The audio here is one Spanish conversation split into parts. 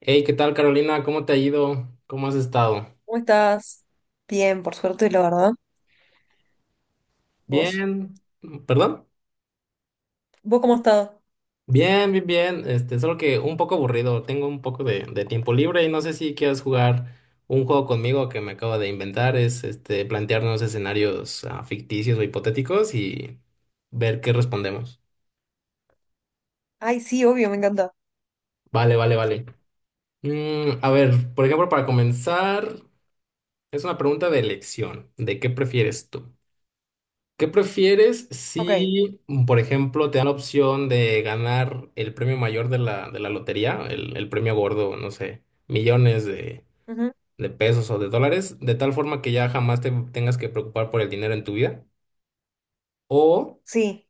Hey, ¿qué tal, Carolina? ¿Cómo te ha ido? ¿Cómo has estado? ¿Cómo estás? Bien, por suerte, la verdad. ¿Vos? Bien, ¿perdón? ¿Vos cómo has estado? Bien, bien, bien. Solo que un poco aburrido. Tengo un poco de tiempo libre y no sé si quieres jugar un juego conmigo que me acabo de inventar. Es plantearnos escenarios ficticios o hipotéticos y ver qué respondemos. Ay, sí, obvio, me encanta. Vale, vale, vale. A ver, por ejemplo, para comenzar, es una pregunta de elección. ¿De qué prefieres tú? ¿Qué prefieres Ok. si, por ejemplo, te dan la opción de ganar el premio mayor de la lotería, el premio gordo, no sé, millones de, Ujú. de pesos o de dólares, de tal forma que ya jamás te tengas que preocupar por el dinero en tu vida? O Sí.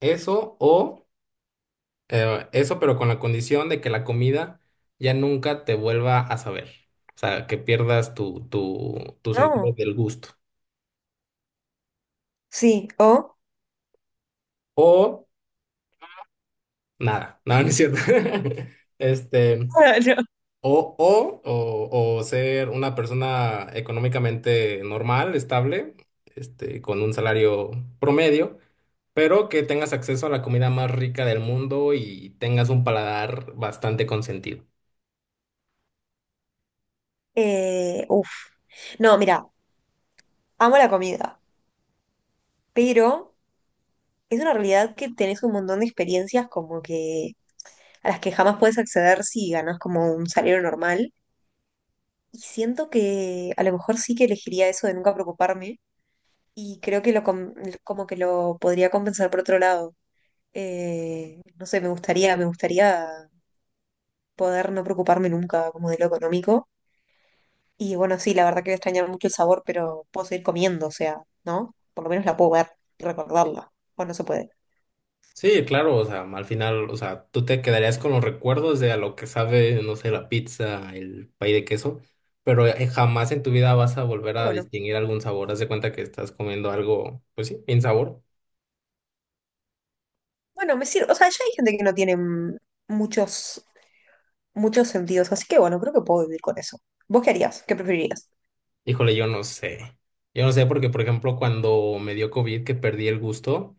o eso, pero con la condición de que la comida ya nunca te vuelva a saber. O sea, que pierdas tu sentido No. del gusto. Sí. ¿O? O nada, nada, no es cierto. Este. No. O ser una persona económicamente normal, estable, con un salario promedio, pero que tengas acceso a la comida más rica del mundo y tengas un paladar bastante consentido. Uf. No, mira, amo la comida, pero es una realidad que tenés un montón de experiencias como que a las que jamás puedes acceder si ganas como un salario normal. Y siento que a lo mejor sí que elegiría eso de nunca preocuparme y creo que como que lo podría compensar por otro lado. No sé, me gustaría poder no preocuparme nunca como de lo económico. Y bueno, sí, la verdad que voy a extrañar mucho el sabor, pero puedo seguir comiendo, o sea, ¿no? Por lo menos la puedo ver y recordarla. O no se puede. Sí, claro, o sea, al final, o sea, tú te quedarías con los recuerdos de a lo que sabe, no sé, la pizza, el pay de queso, pero jamás en tu vida vas a volver Ah, a bueno, distinguir algún sabor. Haz de cuenta que estás comiendo algo, pues sí, sin sabor. bueno, me sirve. O sea, ya hay gente que no tiene muchos, muchos sentidos, así que bueno, creo que puedo vivir con eso. ¿Vos qué harías? ¿Qué preferirías? Híjole, yo no sé. Yo no sé porque, por ejemplo, cuando me dio COVID, que perdí el gusto,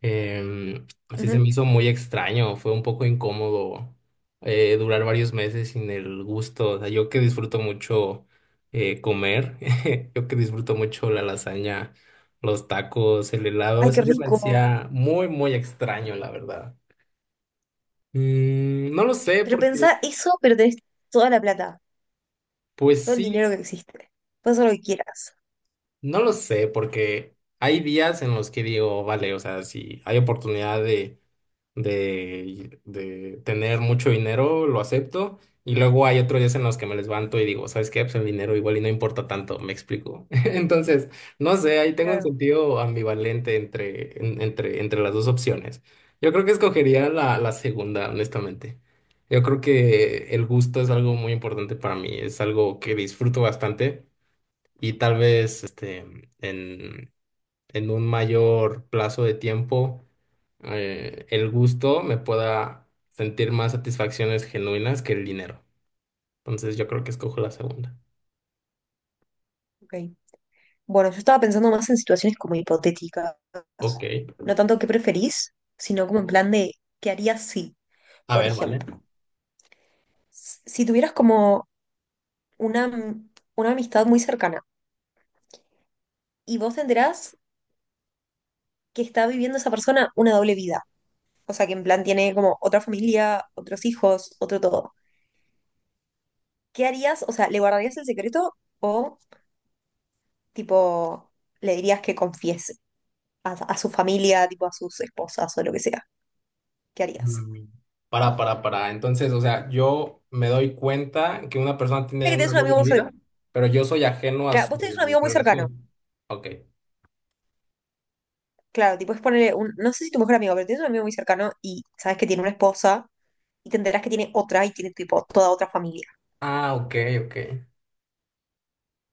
así se me Ujú. hizo muy extraño. Fue un poco incómodo durar varios meses sin el gusto. O sea, yo que disfruto mucho comer, yo que disfruto mucho la lasaña, los tacos, el helado, Ay, qué así se me rico. hacía muy, muy extraño, la verdad. No lo sé Pero pensá porque, eso, pero tenés toda la plata, pues todo el sí. dinero que existe. Puedes hacer lo que quieras. No lo sé, porque hay días en los que digo, vale, o sea, si hay oportunidad de tener mucho dinero, lo acepto. Y luego hay otros días en los que me levanto y digo, ¿sabes qué? Pues el dinero igual y no importa tanto, me explico. Entonces, no sé, ahí tengo un Claro, sentido ambivalente entre las dos opciones. Yo creo que escogería la segunda, honestamente. Yo creo que el gusto es algo muy importante para mí, es algo que disfruto bastante y tal vez en, en un mayor plazo de tiempo el gusto me pueda sentir más satisfacciones genuinas que el dinero. Entonces yo creo que escojo la segunda. ok. Bueno, yo estaba pensando más en situaciones como hipotéticas. Ok, No tanto qué preferís, sino como en plan de qué harías si, a por ver, vale. ejemplo, si tuvieras como una, am- una amistad muy cercana y vos te enterás que está viviendo esa persona una doble vida. O sea, que en plan tiene como otra familia, otros hijos, otro todo. ¿Qué harías? O sea, ¿le guardarías el secreto o tipo le dirías que confiese a su familia, tipo a sus esposas o lo que sea? ¿Qué harías? Mm, para, para. Entonces, o sea, yo me doy cuenta que una persona tiene Sé que tenés una un amigo. doble vida, pero yo soy ajeno a Claro, vos tenés un su amigo muy cercano. relación. Ok. Claro, tipo es ponerle un. No sé si tu mejor amigo, pero tienes un amigo muy cercano y sabes que tiene una esposa y te enterás que tiene otra y tiene tipo toda otra familia. Ah, ok, ok.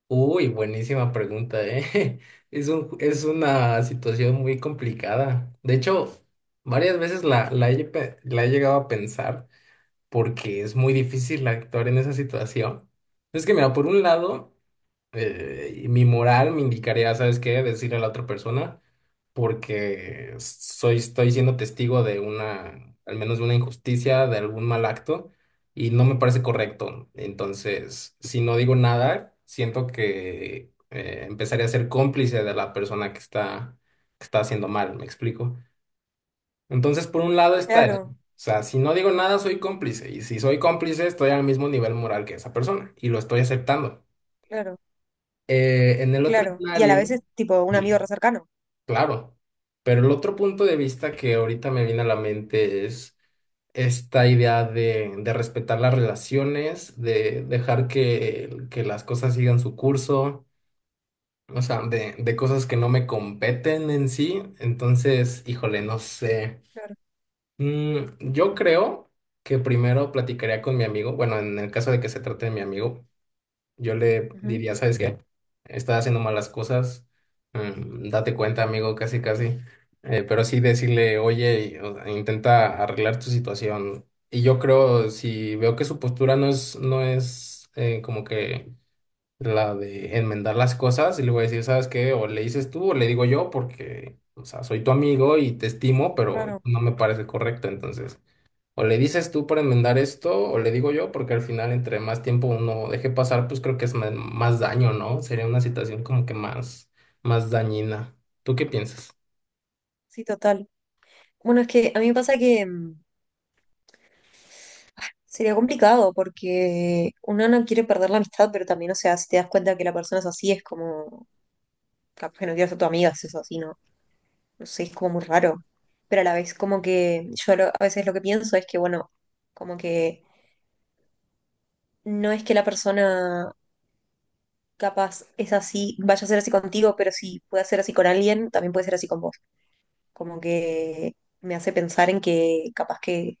Uy, buenísima pregunta, ¿eh? Es un, es una situación muy complicada. De hecho, varias veces la he llegado a pensar porque es muy difícil actuar en esa situación. Es que, mira, por un lado mi moral me indicaría, ¿sabes qué? Decirle a la otra persona, porque soy, estoy siendo testigo de una, al menos de una injusticia, de algún mal acto, y no me parece correcto. Entonces, si no digo nada, siento que empezaré a ser cómplice de la persona que está haciendo mal, ¿me explico? Entonces, por un lado está eso. Claro, O sea, si no digo nada, soy cómplice. Y si soy cómplice, estoy al mismo nivel moral que esa persona. Y lo estoy aceptando. claro, En el otro claro. Y a la escenario, vez es tipo un amigo sí, re cercano. claro, pero el otro punto de vista que ahorita me viene a la mente es esta idea de respetar las relaciones, de dejar que las cosas sigan su curso, o sea, de cosas que no me competen en sí. Entonces, híjole, no sé. Claro, Mm, yo creo que primero platicaría con mi amigo, bueno, en el caso de que se trate de mi amigo. Yo le ujú, diría, ¿sabes qué? Estás haciendo malas cosas, date cuenta, amigo, casi, casi. Pero sí decirle, oye, y, o sea, intenta arreglar tu situación. Y yo creo, si veo que su postura no es, como que la de enmendar las cosas, y le voy a decir, ¿sabes qué? O le dices tú o le digo yo, porque, o sea, soy tu amigo y te estimo, pero claro, no me parece correcto, entonces. O le dices tú para enmendar esto, o le digo yo, porque al final entre más tiempo uno deje pasar, pues creo que es más daño, ¿no? Sería una situación como que más, más dañina. ¿Tú qué piensas? sí, total. Bueno, es que a mí me pasa que sería complicado porque uno no quiere perder la amistad, pero también, o sea, si te das cuenta que la persona es así, es como. Capaz que no quiero ser tu amiga, si es así, ¿no? No sé, es como muy raro, pero a la vez como que a veces lo que pienso es que, bueno, como que no es que la persona capaz es así, vaya a ser así contigo, pero si puede ser así con alguien, también puede ser así con vos. Como que me hace pensar en que capaz que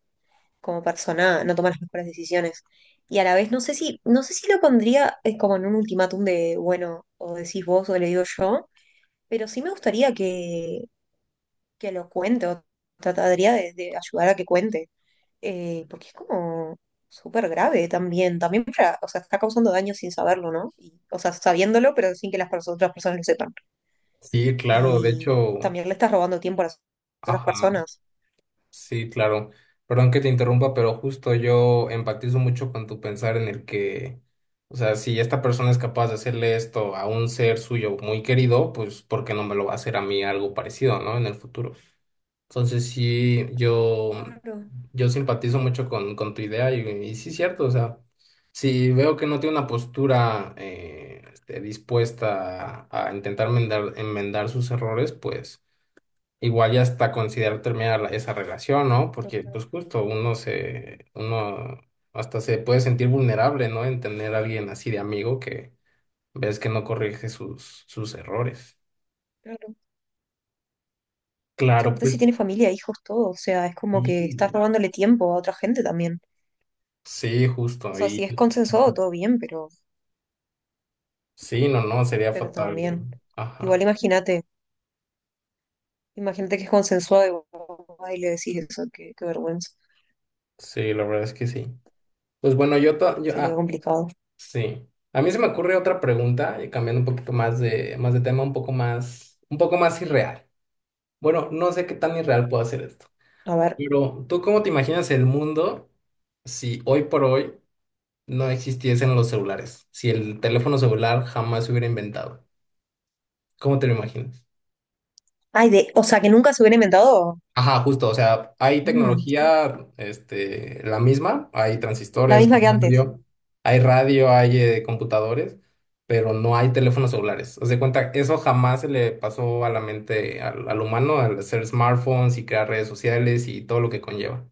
como persona no toma las mejores decisiones. Y a la vez no sé si lo pondría como en un ultimátum de, bueno, o decís vos o le digo yo, pero sí me gustaría que lo cuente o trataría de ayudar a que cuente. Porque es como súper grave también, también para, o sea, está causando daño sin saberlo, ¿no? Y, o sea, sabiéndolo, pero sin que las otras personas lo sepan. Sí, claro, de Y hecho, también le estás robando tiempo a las otras ajá, personas. sí, claro. Perdón que te interrumpa, pero justo yo empatizo mucho con tu pensar en el que, o sea, si esta persona es capaz de hacerle esto a un ser suyo muy querido, pues ¿por qué no me lo va a hacer a mí algo parecido, ¿no? En el futuro. Entonces sí, yo, Claro, yo simpatizo mucho con tu idea y sí es cierto, o sea, si veo que no tiene una postura dispuesta a intentar enmendar, enmendar sus errores, pues igual ya hasta considerar terminar esa relación, ¿no? Porque total, pues justo uno hasta se puede sentir vulnerable, ¿no? En tener a alguien así de amigo que ves que no corrige sus errores. claro. O sea, Claro, aparte si pues. tiene familia, hijos, todo, o sea, es como Sí, que estás robándole tiempo a otra gente también. sí, justo O sea, si ahí. es consensuado, todo bien, pero, Sí, no, no, sería pero fatal. también. Igual Ajá. imagínate, imagínate que es consensuado y vos vas y le decís eso, qué, qué vergüenza. Sí, la verdad es que sí. Pues bueno, yo, to- yo Sería ah, complicado. sí. A mí se me ocurre otra pregunta, cambiando un poquito más de tema, un poco más irreal. Bueno, no sé qué tan irreal puedo hacer esto. A ver. Pero, ¿tú cómo te imaginas el mundo si hoy por hoy no existiesen los celulares? Si el teléfono celular jamás se hubiera inventado. ¿Cómo te lo imaginas? Ay, de, o sea, que nunca se hubiera inventado. Ajá, justo, o sea, hay Mm, tecnología, la misma, hay la transistores, misma que antes. Hay radio, hay computadores, pero no hay teléfonos celulares. O sea, cuenta, eso jamás se le pasó a la mente al, al humano al hacer smartphones y crear redes sociales y todo lo que conlleva.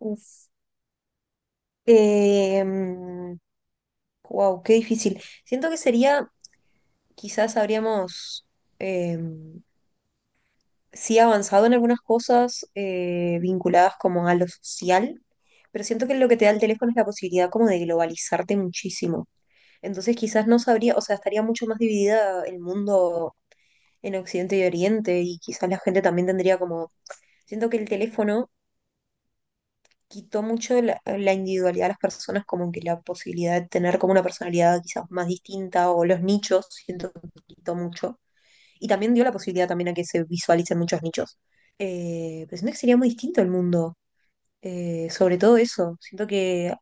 Uf. Wow, qué difícil. Siento que sería, quizás habríamos eh, sí avanzado en algunas cosas vinculadas como a lo social, pero siento que lo que te da el teléfono es la posibilidad como de globalizarte muchísimo. Entonces quizás no sabría, o sea, estaría mucho más dividida el mundo en Occidente y Oriente y quizás la gente también tendría como, siento que el teléfono quitó mucho de la individualidad de las personas, como que la posibilidad de tener como una personalidad quizás más distinta o los nichos, siento que quitó mucho. Y también dio la posibilidad también a que se visualicen muchos nichos. Pero siento que sería muy distinto el mundo, sobre todo eso. Siento que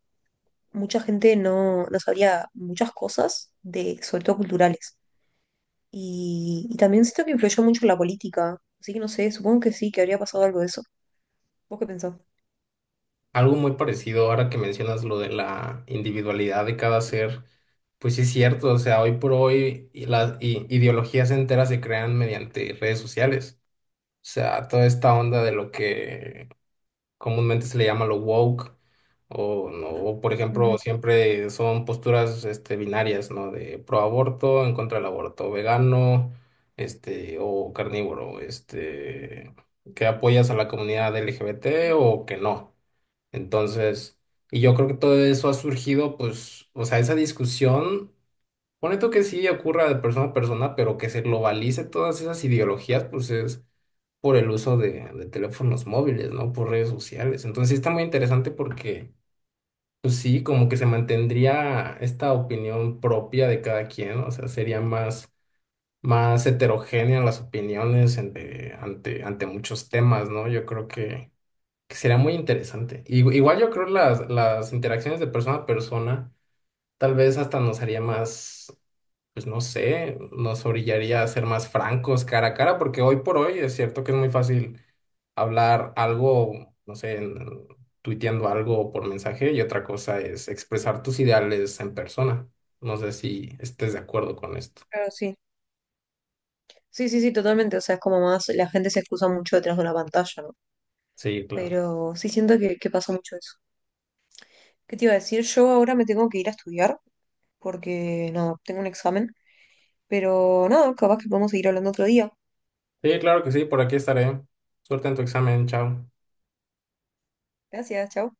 mucha gente no sabría muchas cosas, de, sobre todo culturales. Y también siento que influyó mucho en la política. Así que no sé, supongo que sí, que habría pasado algo de eso. ¿Vos qué pensás? Algo muy parecido ahora que mencionas lo de la individualidad de cada ser, pues sí es cierto, o sea, hoy por hoy y las ideologías enteras se crean mediante redes sociales. O sea, toda esta onda de lo que comúnmente se le llama lo woke, o, no, o, por ejemplo, Ujú, siempre son posturas binarias, ¿no? De pro aborto, en contra del aborto, vegano, o carnívoro, que apoyas a la comunidad LGBT ujú. o que no. Entonces, y yo creo que todo eso ha surgido, pues, o sea, esa discusión, pone tú que sí ocurra de persona a persona, pero que se globalice todas esas ideologías, pues es por el uso de teléfonos móviles, ¿no? Por redes sociales. Entonces sí está muy interesante porque, pues sí, como que se mantendría esta opinión propia de cada quien, ¿no? O sea, sería más, más heterogénea las opiniones ante muchos temas, ¿no? Yo creo que sería muy interesante. Igual yo creo las interacciones de persona a persona tal vez hasta nos haría más pues no sé, nos orillaría a ser más francos cara a cara, porque hoy por hoy es cierto que es muy fácil hablar algo, no sé, tuiteando algo por mensaje y otra cosa es expresar tus ideales en persona. No sé si estés de acuerdo con esto. Claro, sí. Sí, sí, sí, totalmente. O sea, es como más, la gente se excusa mucho detrás de una pantalla, ¿no? Sí, claro. Pero sí siento que pasa mucho eso. ¿Qué te iba a decir? Yo ahora me tengo que ir a estudiar porque, nada tengo un examen. Pero nada capaz que podemos seguir hablando otro día. Sí, claro que sí, por aquí estaré. Suerte en tu examen, chao. Gracias, chao.